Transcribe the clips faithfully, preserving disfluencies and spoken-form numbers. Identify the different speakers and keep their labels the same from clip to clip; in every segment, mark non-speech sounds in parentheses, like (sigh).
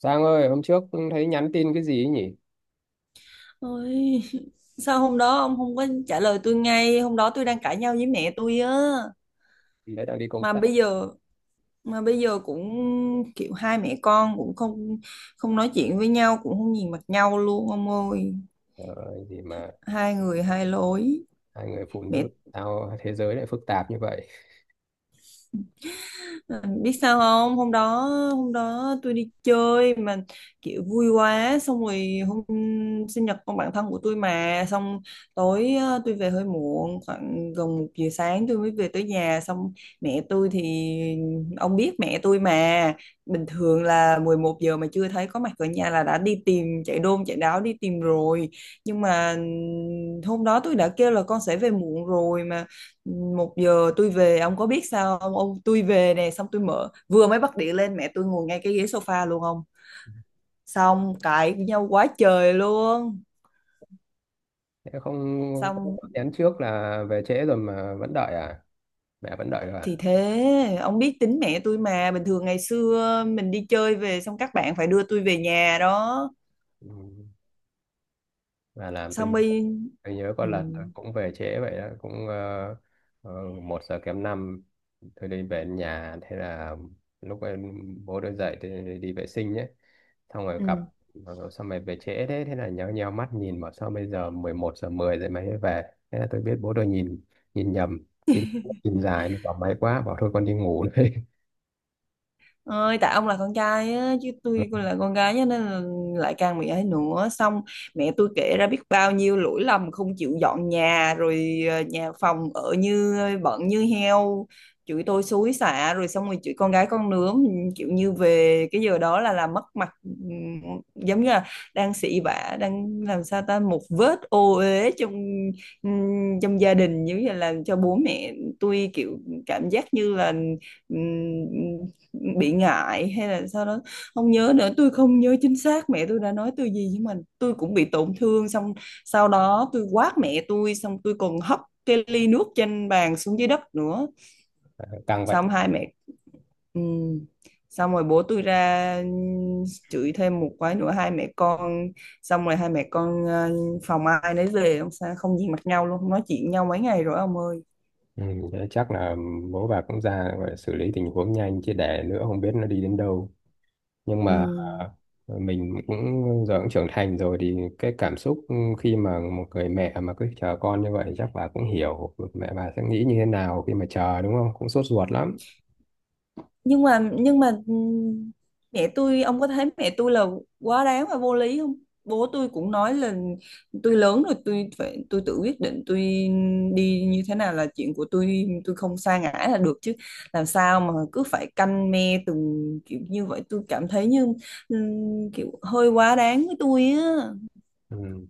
Speaker 1: Giang ơi, hôm trước thấy nhắn tin cái gì ấy nhỉ?
Speaker 2: Ôi, (laughs) sao hôm đó ông không có trả lời tôi ngay, hôm đó tôi đang cãi nhau với mẹ tôi á.
Speaker 1: Đấy đang đi công
Speaker 2: Mà
Speaker 1: tác.
Speaker 2: bây giờ mà bây giờ cũng kiểu hai mẹ con cũng không không nói chuyện với nhau, cũng không nhìn mặt nhau luôn ông ơi.
Speaker 1: Trời ơi, gì mà
Speaker 2: Hai người hai lối.
Speaker 1: hai người phụ
Speaker 2: Mẹ
Speaker 1: nữ sao thế giới lại phức tạp như vậy?
Speaker 2: Ừ, biết sao không, hôm đó hôm đó tôi đi chơi mà kiểu vui quá, xong rồi hôm sinh nhật con bạn thân của tôi mà, xong tối ờ, tôi về hơi muộn, khoảng gần một giờ sáng tôi mới về tới nhà. Xong mẹ tôi thì, ông biết mẹ tôi mà, bình thường là mười một giờ mà chưa thấy có mặt ở nhà là đã đi tìm, chạy đôn chạy đáo đi tìm rồi. Nhưng mà hôm đó tôi đã kêu là con sẽ về muộn rồi mà. Một giờ tôi về, ông có biết sao không, ông tôi về nè, xong tôi mở vừa mới bắt điện lên mẹ tôi ngồi ngay cái ghế sofa luôn ông. Xong cãi nhau quá trời luôn.
Speaker 1: Thế không không có
Speaker 2: Xong
Speaker 1: nhắn trước là về trễ rồi mà vẫn đợi à? Mẹ vẫn đợi rồi à?
Speaker 2: thì thế, ông biết tính mẹ tôi mà, bình thường ngày xưa mình đi chơi về xong các bạn phải đưa tôi về nhà đó
Speaker 1: Ừ. Mà làm
Speaker 2: xong.
Speaker 1: tôi
Speaker 2: Bây
Speaker 1: tôi nhớ có
Speaker 2: ừ,
Speaker 1: lần tôi cũng về trễ vậy đó, cũng ờ, ờ, một giờ kém năm tôi đi về đến nhà. Thế là lúc em bố tôi dậy thì đi vệ sinh nhé, xong rồi gặp
Speaker 2: ừ.
Speaker 1: xong rồi về trễ. Thế thế là nhéo nhéo mắt nhìn, bảo sao bây giờ mười một giờ mười rồi mày mới về. Thế là tôi biết bố tôi nhìn nhìn nhầm, cái mắt nhìn dài nó bảo máy quá, bảo thôi con đi ngủ đây.
Speaker 2: Ơi, tại ông là con trai á, chứ tôi cũng
Speaker 1: (laughs)
Speaker 2: là con gái á, nên là lại càng mẹ ấy nữa. Xong mẹ tôi kể ra biết bao nhiêu lỗi lầm, không chịu dọn nhà rồi, ờ, nhà phòng ở như bận như heo, chửi tôi xối xả rồi, xong rồi chửi con gái con nướng, kiểu như về cái giờ đó là làm mất mặt, ừm, giống như là đang xị vả, đang làm sao ta, một vết ô uế trong ừm, trong gia đình, giống như là làm cho bố mẹ tôi kiểu cảm giác như là ừm, bị ngại hay là sau đó không nhớ nữa. Tôi không nhớ chính xác mẹ tôi đã nói tôi gì, nhưng mà tôi cũng bị tổn thương. Xong sau đó tôi quát mẹ tôi, xong tôi còn hất cái ly nước trên bàn xuống dưới đất nữa.
Speaker 1: Căng vậy.
Speaker 2: Xong hai mẹ ừm, xong rồi bố tôi ra ừm, chửi thêm một cái nữa hai mẹ con. Xong rồi hai mẹ con ờ, phòng ai nấy về, không sao không nhìn mặt nhau luôn, không nói chuyện nhau mấy ngày rồi ông ơi.
Speaker 1: Ừ, thế chắc là bố bà cũng ra, gọi là xử lý tình huống nhanh chứ để nữa không biết nó đi đến đâu. Nhưng mà
Speaker 2: Ừm.
Speaker 1: à, mình cũng giờ cũng trưởng thành rồi thì cái cảm xúc khi mà một người mẹ mà cứ chờ con như vậy chắc bà cũng hiểu mẹ bà sẽ nghĩ như thế nào khi mà chờ, đúng không? Cũng sốt ruột lắm.
Speaker 2: nhưng mà nhưng mà ừm, mẹ tôi, ông có thấy mẹ tôi là quá đáng và vô lý không? Bố tôi cũng nói là tôi lớn rồi, tôi phải tôi tự quyết định, tôi đi như thế nào là chuyện của tôi tôi không sa ngã là được chứ, làm sao mà cứ phải canh me từng kiểu như vậy? Tôi cảm thấy như ừm, kiểu hơi quá đáng với tôi á.
Speaker 1: Ừ.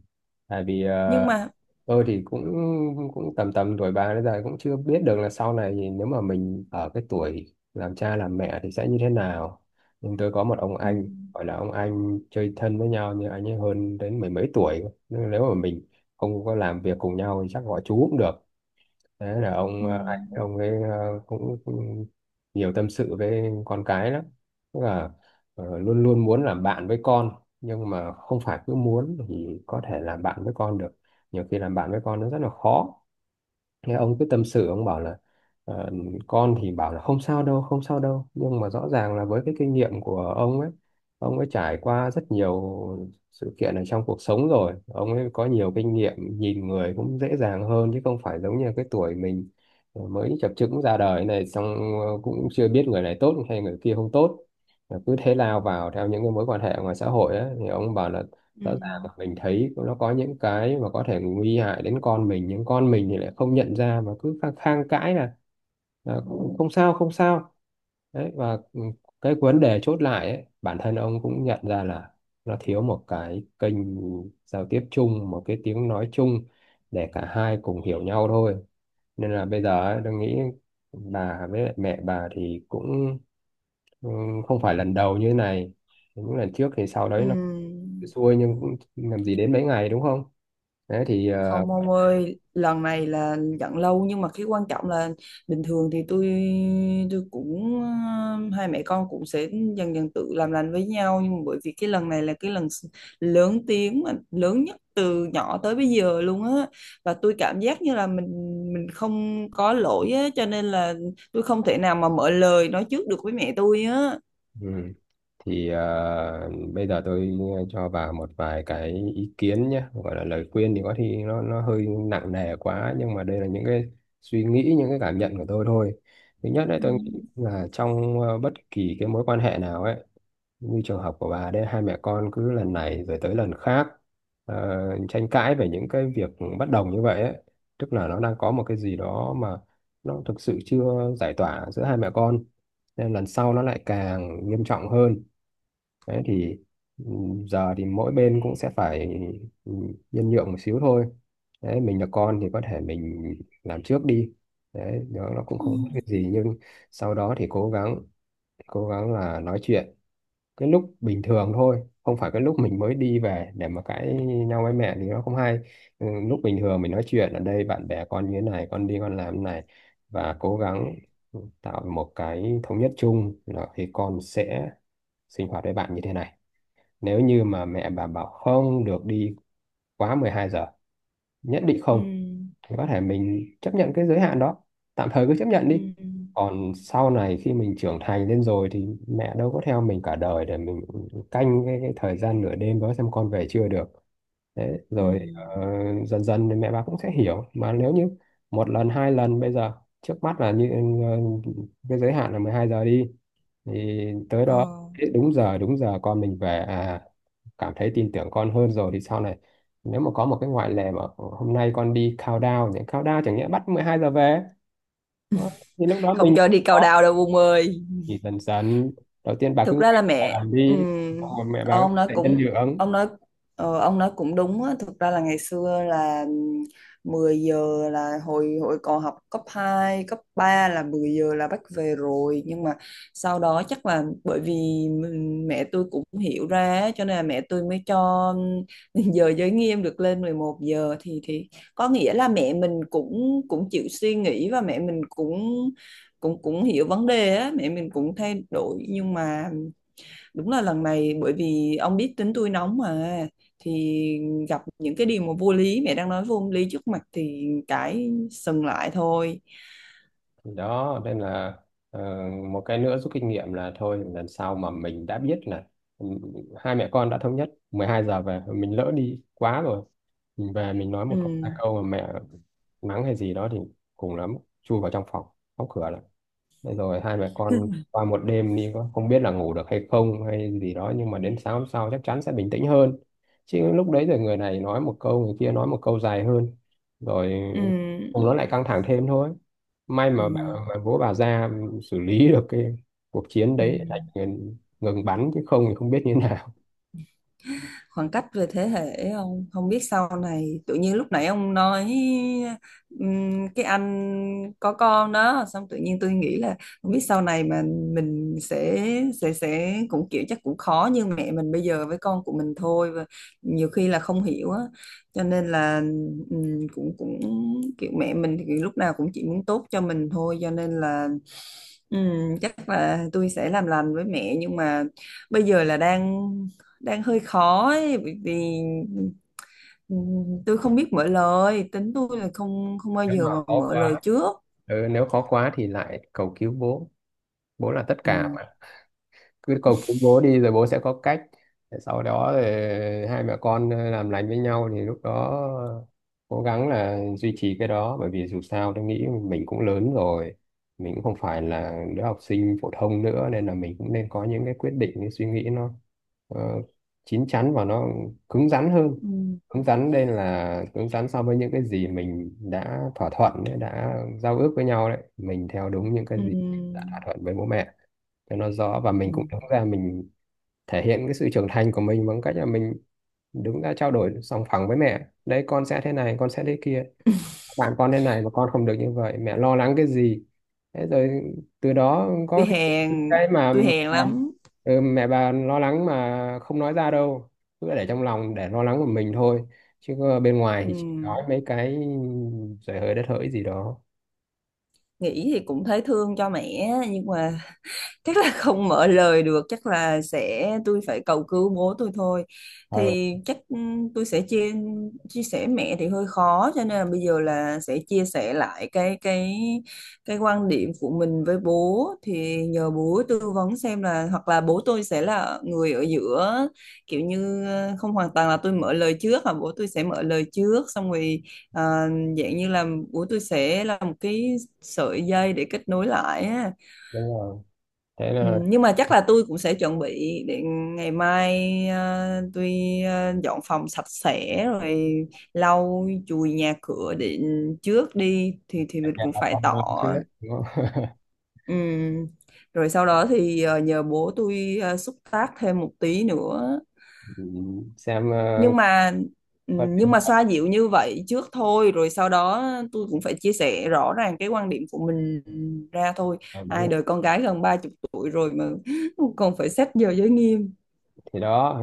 Speaker 1: Tại vì ờ,
Speaker 2: Nhưng mà
Speaker 1: tôi thì cũng cũng tầm tầm tuổi bà, bây giờ cũng chưa biết được là sau này thì nếu mà mình ở cái tuổi làm cha làm mẹ thì sẽ như thế nào. Nhưng tôi có một ông anh,
Speaker 2: ừm,
Speaker 1: gọi là ông anh chơi thân với nhau nhưng anh ấy hơn đến mười mấy tuổi cơ. Nên nếu mà mình không có làm việc cùng nhau thì chắc gọi chú cũng được. Thế là ông ờ, anh
Speaker 2: ừm.
Speaker 1: ông ấy ờ, cũng, cũng nhiều tâm sự với con cái lắm, tức là ờ, luôn luôn muốn làm bạn với con. Nhưng mà không phải cứ muốn thì có thể làm bạn với con được, nhiều khi làm bạn với con nó rất là khó. Nghe ông cứ tâm sự, ông bảo là ờ, con thì bảo là không sao đâu không sao đâu, nhưng mà rõ ràng là với cái kinh nghiệm của ông ấy, ông ấy trải qua rất nhiều sự kiện ở trong cuộc sống rồi, ông ấy có nhiều kinh nghiệm, nhìn người cũng dễ dàng hơn, chứ không phải giống như cái tuổi mình ờ, mới chập chững ra đời này. Xong ờ, cũng chưa biết người này tốt hay người kia không tốt, cứ thế lao vào theo những cái mối quan hệ ngoài xã hội ấy, thì ông bảo là rõ ràng là
Speaker 2: Ừm.
Speaker 1: mình thấy nó có những cái mà có thể nguy hại đến con mình, nhưng con mình thì lại không nhận ra mà cứ khang khăng cãi là, là không không sao không sao. Đấy, và ừ, cái vấn đề chốt lại ấy, bản thân ông cũng nhận ra là nó thiếu một cái kênh giao tiếp chung, một cái tiếng nói chung để cả hai cùng hiểu nhau thôi. Nên là bây giờ ấy, tôi nghĩ bà với lại mẹ bà thì cũng ừ, không phải lần đầu như thế này. Những lần trước thì sau đấy nó
Speaker 2: Ừm.
Speaker 1: xuôi nhưng cũng làm gì đến mấy ngày đúng không? Thế thì ờ,
Speaker 2: Không ông ơi, lần này là giận lâu, nhưng mà cái quan trọng là bình thường thì tôi tôi cũng ờ, hai mẹ con cũng sẽ dần dần tự làm lành với nhau. Nhưng mà bởi vì cái lần này là cái lần s- lớn tiếng mà lớn nhất từ nhỏ tới bây giờ luôn á. Và tôi cảm giác như là mình mình không có lỗi á, cho nên là tôi không thể nào mà mở lời nói trước được với mẹ tôi á.
Speaker 1: ừ, thì ờ, bây giờ tôi cho bà một vài cái ý kiến nhé, gọi là lời khuyên thì có khi nó nó hơi nặng nề quá, nhưng mà đây là những cái suy nghĩ, những cái cảm nhận của tôi thôi. Thứ nhất đấy,
Speaker 2: Ừ.
Speaker 1: tôi nghĩ là trong ờ, bất kỳ cái mối quan hệ nào ấy, như trường hợp của bà đấy, hai mẹ con cứ lần này rồi tới lần khác ờ, tranh cãi về những cái việc bất đồng như vậy ấy. Tức là nó đang có một cái gì đó mà nó thực sự chưa giải tỏa giữa hai mẹ con, nên lần sau nó lại càng nghiêm trọng hơn. Đấy thì ừm, giờ thì mỗi bên cũng sẽ phải ừm, nhân nhượng một xíu thôi. Đấy, mình là con thì có thể mình làm trước đi, đấy đó nó cũng không có cái gì. Nhưng sau đó thì cố gắng, cố gắng là nói chuyện cái lúc bình thường thôi, không phải cái lúc mình mới đi về để mà cãi nhau với mẹ thì nó không hay. Ừ, lúc bình thường mình nói chuyện ở đây bạn bè con như thế này, con đi con làm thế này, và cố gắng tạo một cái thống nhất chung, là thì con sẽ sinh hoạt với bạn như thế này. Nếu như mà mẹ bà bảo không được đi quá mười hai giờ, nhất định
Speaker 2: Ừ.
Speaker 1: không, thì có thể mình chấp nhận cái giới hạn đó, tạm thời cứ chấp nhận
Speaker 2: Ừ.
Speaker 1: đi.
Speaker 2: Ừ.
Speaker 1: Còn sau này khi mình trưởng thành lên rồi thì mẹ đâu có theo mình cả đời để mình canh cái, cái thời gian nửa đêm đó xem con về chưa được. Đấy,
Speaker 2: Ừ.
Speaker 1: rồi ờ, dần dần thì mẹ bà cũng sẽ hiểu mà. Nếu như một lần hai lần bây giờ, trước mắt là như ờ, cái giới hạn là mười hai giờ đi, thì tới đó
Speaker 2: Ờ.
Speaker 1: đúng giờ, đúng giờ con mình về, à, cảm thấy tin tưởng con hơn rồi thì sau này nếu mà có một cái ngoại lệ mà hôm nay con đi countdown, thì countdown chẳng nghĩa bắt mười hai giờ về. Đó, thì lúc đó
Speaker 2: Không
Speaker 1: mình
Speaker 2: cho đi cao
Speaker 1: có,
Speaker 2: đào đâu ông ơi.
Speaker 1: thì dần dần, đầu tiên bà cứ,
Speaker 2: Thực ra là
Speaker 1: bà
Speaker 2: mẹ
Speaker 1: làm đi, xong
Speaker 2: ừm,
Speaker 1: rồi mẹ bà cũng
Speaker 2: ông nói
Speaker 1: sẽ nhân
Speaker 2: cũng
Speaker 1: nhượng.
Speaker 2: ông nói ờ, ông nói cũng đúng á. Thực ra là ngày xưa là ừm, mười giờ, là hồi hồi còn học cấp hai cấp ba là mười giờ là bắt về rồi. Nhưng mà sau đó chắc là bởi vì mình- mẹ tôi cũng hiểu ra á, cho nên là mẹ tôi mới cho ừm, (laughs) giờ giới nghiêm được lên mười một giờ, thì thì có nghĩa là mẹ mình cũng cũng chịu suy nghĩ, và mẹ mình cũng cũng cũng hiểu vấn đề á, mẹ mình cũng thay đổi nhưng mà... Đúng là lần này bởi vì ông biết tính tôi nóng mà, thì gặp những cái điều mà vô lý, mẹ đang nói vô lý trước mặt thì cái sừng lại thôi.
Speaker 1: Thì đó nên là ờ, một cái nữa rút kinh nghiệm là thôi, lần sau mà mình đã biết là ừ, hai mẹ con đã thống nhất mười hai giờ về, mình lỡ đi quá rồi, mình về mình nói một câu
Speaker 2: Ừ.
Speaker 1: hai câu mà mẹ mắng hay gì đó thì cùng lắm chui vào trong phòng đóng cửa. Thế rồi hai mẹ con qua một đêm đi, có không biết là ngủ được hay không hay gì đó, nhưng mà đến sáng hôm sau chắc chắn sẽ bình tĩnh hơn. Chứ lúc đấy rồi người này nói một câu người kia nói một câu dài hơn, rồi
Speaker 2: Ừ.
Speaker 1: cùng nó lại căng thẳng thêm thôi. May
Speaker 2: Ừ.
Speaker 1: mà bà, mà bố bà ra xử lý (laughs) được cái cuộc chiến
Speaker 2: Ừ.
Speaker 1: đấy lại ngừng, ngừng bắn, chứ không thì không biết như (laughs) thế nào.
Speaker 2: Khoảng cách về thế hệ, không không biết sau này. Tự nhiên lúc nãy ông nói ừm, cái anh có con đó, xong tự nhiên tôi nghĩ là không biết sau này mà mình sẽ sẽ sẽ cũng kiểu, chắc cũng khó như mẹ mình bây giờ với con của mình thôi, và nhiều khi là không hiểu á, cho nên là ừm, cũng cũng kiểu mẹ mình thì lúc nào cũng chỉ muốn tốt cho mình thôi, cho nên là ừm, chắc là tôi sẽ làm lành với mẹ. Nhưng mà bây giờ là đang đang hơi khó ấy, bởi vì ừ, tôi không biết mở lời, tính tôi là không không bao
Speaker 1: Nếu
Speaker 2: giờ
Speaker 1: mà
Speaker 2: mà
Speaker 1: khó
Speaker 2: mở lời
Speaker 1: quá,
Speaker 2: trước.
Speaker 1: ừ, nếu khó quá thì lại cầu cứu bố. Bố là tất
Speaker 2: Ừ.
Speaker 1: cả, cứ cầu cứu bố đi rồi bố sẽ có cách. Để sau đó thì hai mẹ con ờ, làm lành với nhau thì lúc đó cố gắng là duy trì cái đó, bởi vì dù sao tôi nghĩ mình cũng lớn rồi, mình cũng không phải là đứa học sinh phổ thông nữa, nên là mình cũng nên có những cái quyết định, cái suy nghĩ nó ờ, chín chắn và nó cứng rắn hơn.
Speaker 2: Ừ.
Speaker 1: Cứng rắn đây là cứng rắn so với những cái gì mình đã thỏa thuận ấy, đã giao ước với nhau đấy, mình theo đúng những cái
Speaker 2: Ừ.
Speaker 1: gì đã thỏa thuận với bố mẹ cho nó rõ. Và
Speaker 2: Ừ.
Speaker 1: mình cũng đứng ra, mình thể hiện cái sự trưởng thành của mình bằng cách là mình đứng ra trao đổi sòng phẳng với mẹ đấy, con sẽ thế này con sẽ thế kia, bạn con thế này mà con không được như vậy, mẹ lo lắng cái gì. Thế rồi từ đó
Speaker 2: tôi
Speaker 1: có
Speaker 2: hèn
Speaker 1: cái mà
Speaker 2: tôi
Speaker 1: mẹ
Speaker 2: hèn
Speaker 1: bà,
Speaker 2: lắm.
Speaker 1: ừ, mẹ bà lo lắng mà không nói ra đâu, cứ để trong lòng để lo lắng của mình thôi, chứ có bên ngoài
Speaker 2: Ừ.
Speaker 1: thì chỉ nói mấy cái giời hơi đất hỡi gì đó.
Speaker 2: Nghĩ thì cũng thấy thương cho mẹ, nhưng mà chắc là không mở lời được, chắc là sẽ tôi phải cầu cứu bố tôi thôi.
Speaker 1: ờ
Speaker 2: Thì chắc ừ, tôi sẽ chia chia sẻ mẹ thì hơi khó, cho nên là bây giờ là sẽ chia sẻ lại cái cái cái quan điểm của mình với bố, thì nhờ bố tư vấn xem là hoặc là bố tôi sẽ là người ở giữa, kiểu như ờ, không hoàn toàn là tôi mở lời trước mà bố tôi sẽ mở lời trước, xong rồi ờ, dạng như là bố tôi sẽ là một cái sợi dây để kết nối lại á.
Speaker 1: đúng rồi, thế
Speaker 2: Ừ,
Speaker 1: là
Speaker 2: nhưng mà chắc là tôi cũng sẽ chuẩn bị để ngày mai ờ, tôi ờ, dọn phòng sạch sẽ rồi lau chùi nhà cửa để trước đi, thì thì mình cũng
Speaker 1: bà
Speaker 2: phải
Speaker 1: con
Speaker 2: tỏ.
Speaker 1: ngoan chưa đấy, đúng không? (laughs)
Speaker 2: Ừ. Rồi sau đó thì ờ, nhờ bố tôi ờ, xúc tác thêm một tí nữa.
Speaker 1: Ừ, xem. ờ,
Speaker 2: nhưng mà ừ,
Speaker 1: Có thể.
Speaker 2: nhưng mà xoa dịu như vậy trước thôi, rồi sau đó tôi cũng phải chia sẻ rõ ràng cái quan điểm của mình ra thôi.
Speaker 1: Ờ, đúng
Speaker 2: Ai
Speaker 1: rồi.
Speaker 2: đời con gái gần ba chục tuổi rồi mà (laughs) còn phải xét giờ giới nghiêm!
Speaker 1: Thì đó, ờ,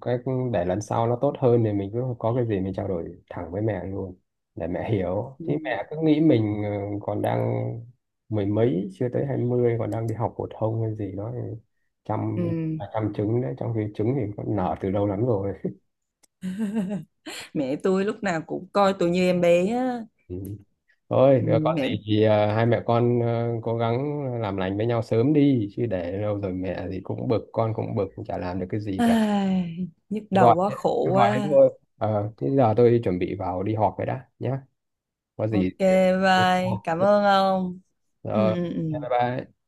Speaker 1: cái để lần sau nó tốt hơn thì mình cứ có cái gì mình trao đổi thẳng với mẹ luôn để mẹ hiểu.
Speaker 2: Ừ.
Speaker 1: Chứ mẹ cứ nghĩ mình ờ, còn đang mười mấy, chưa tới hai mươi, còn đang đi học phổ thông hay gì đó, thì chăm
Speaker 2: Ừ.
Speaker 1: à, chăm trứng đấy, trong khi trứng thì nó nở từ lâu lắm rồi.
Speaker 2: Mẹ tôi lúc nào cũng coi tôi như em bé á.
Speaker 1: Ừ. Thôi,
Speaker 2: Ừ,
Speaker 1: ờ, có
Speaker 2: mẹ
Speaker 1: gì thì ờ, hai mẹ con ờ, cố gắng làm lành với nhau sớm đi, chứ để lâu rồi mẹ thì cũng bực, con cũng bực, chả làm được cái gì cả.
Speaker 2: Ai, nhức đầu
Speaker 1: Gọi
Speaker 2: quá, khổ
Speaker 1: gọi thế
Speaker 2: quá.
Speaker 1: thôi, ờ thế giờ tôi chuẩn bị vào đi họp rồi đã nhé. Có gì
Speaker 2: OK, bye, cảm ơn ông. Ừ,
Speaker 1: ờ,
Speaker 2: ừ,
Speaker 1: bye
Speaker 2: ừ.
Speaker 1: bye.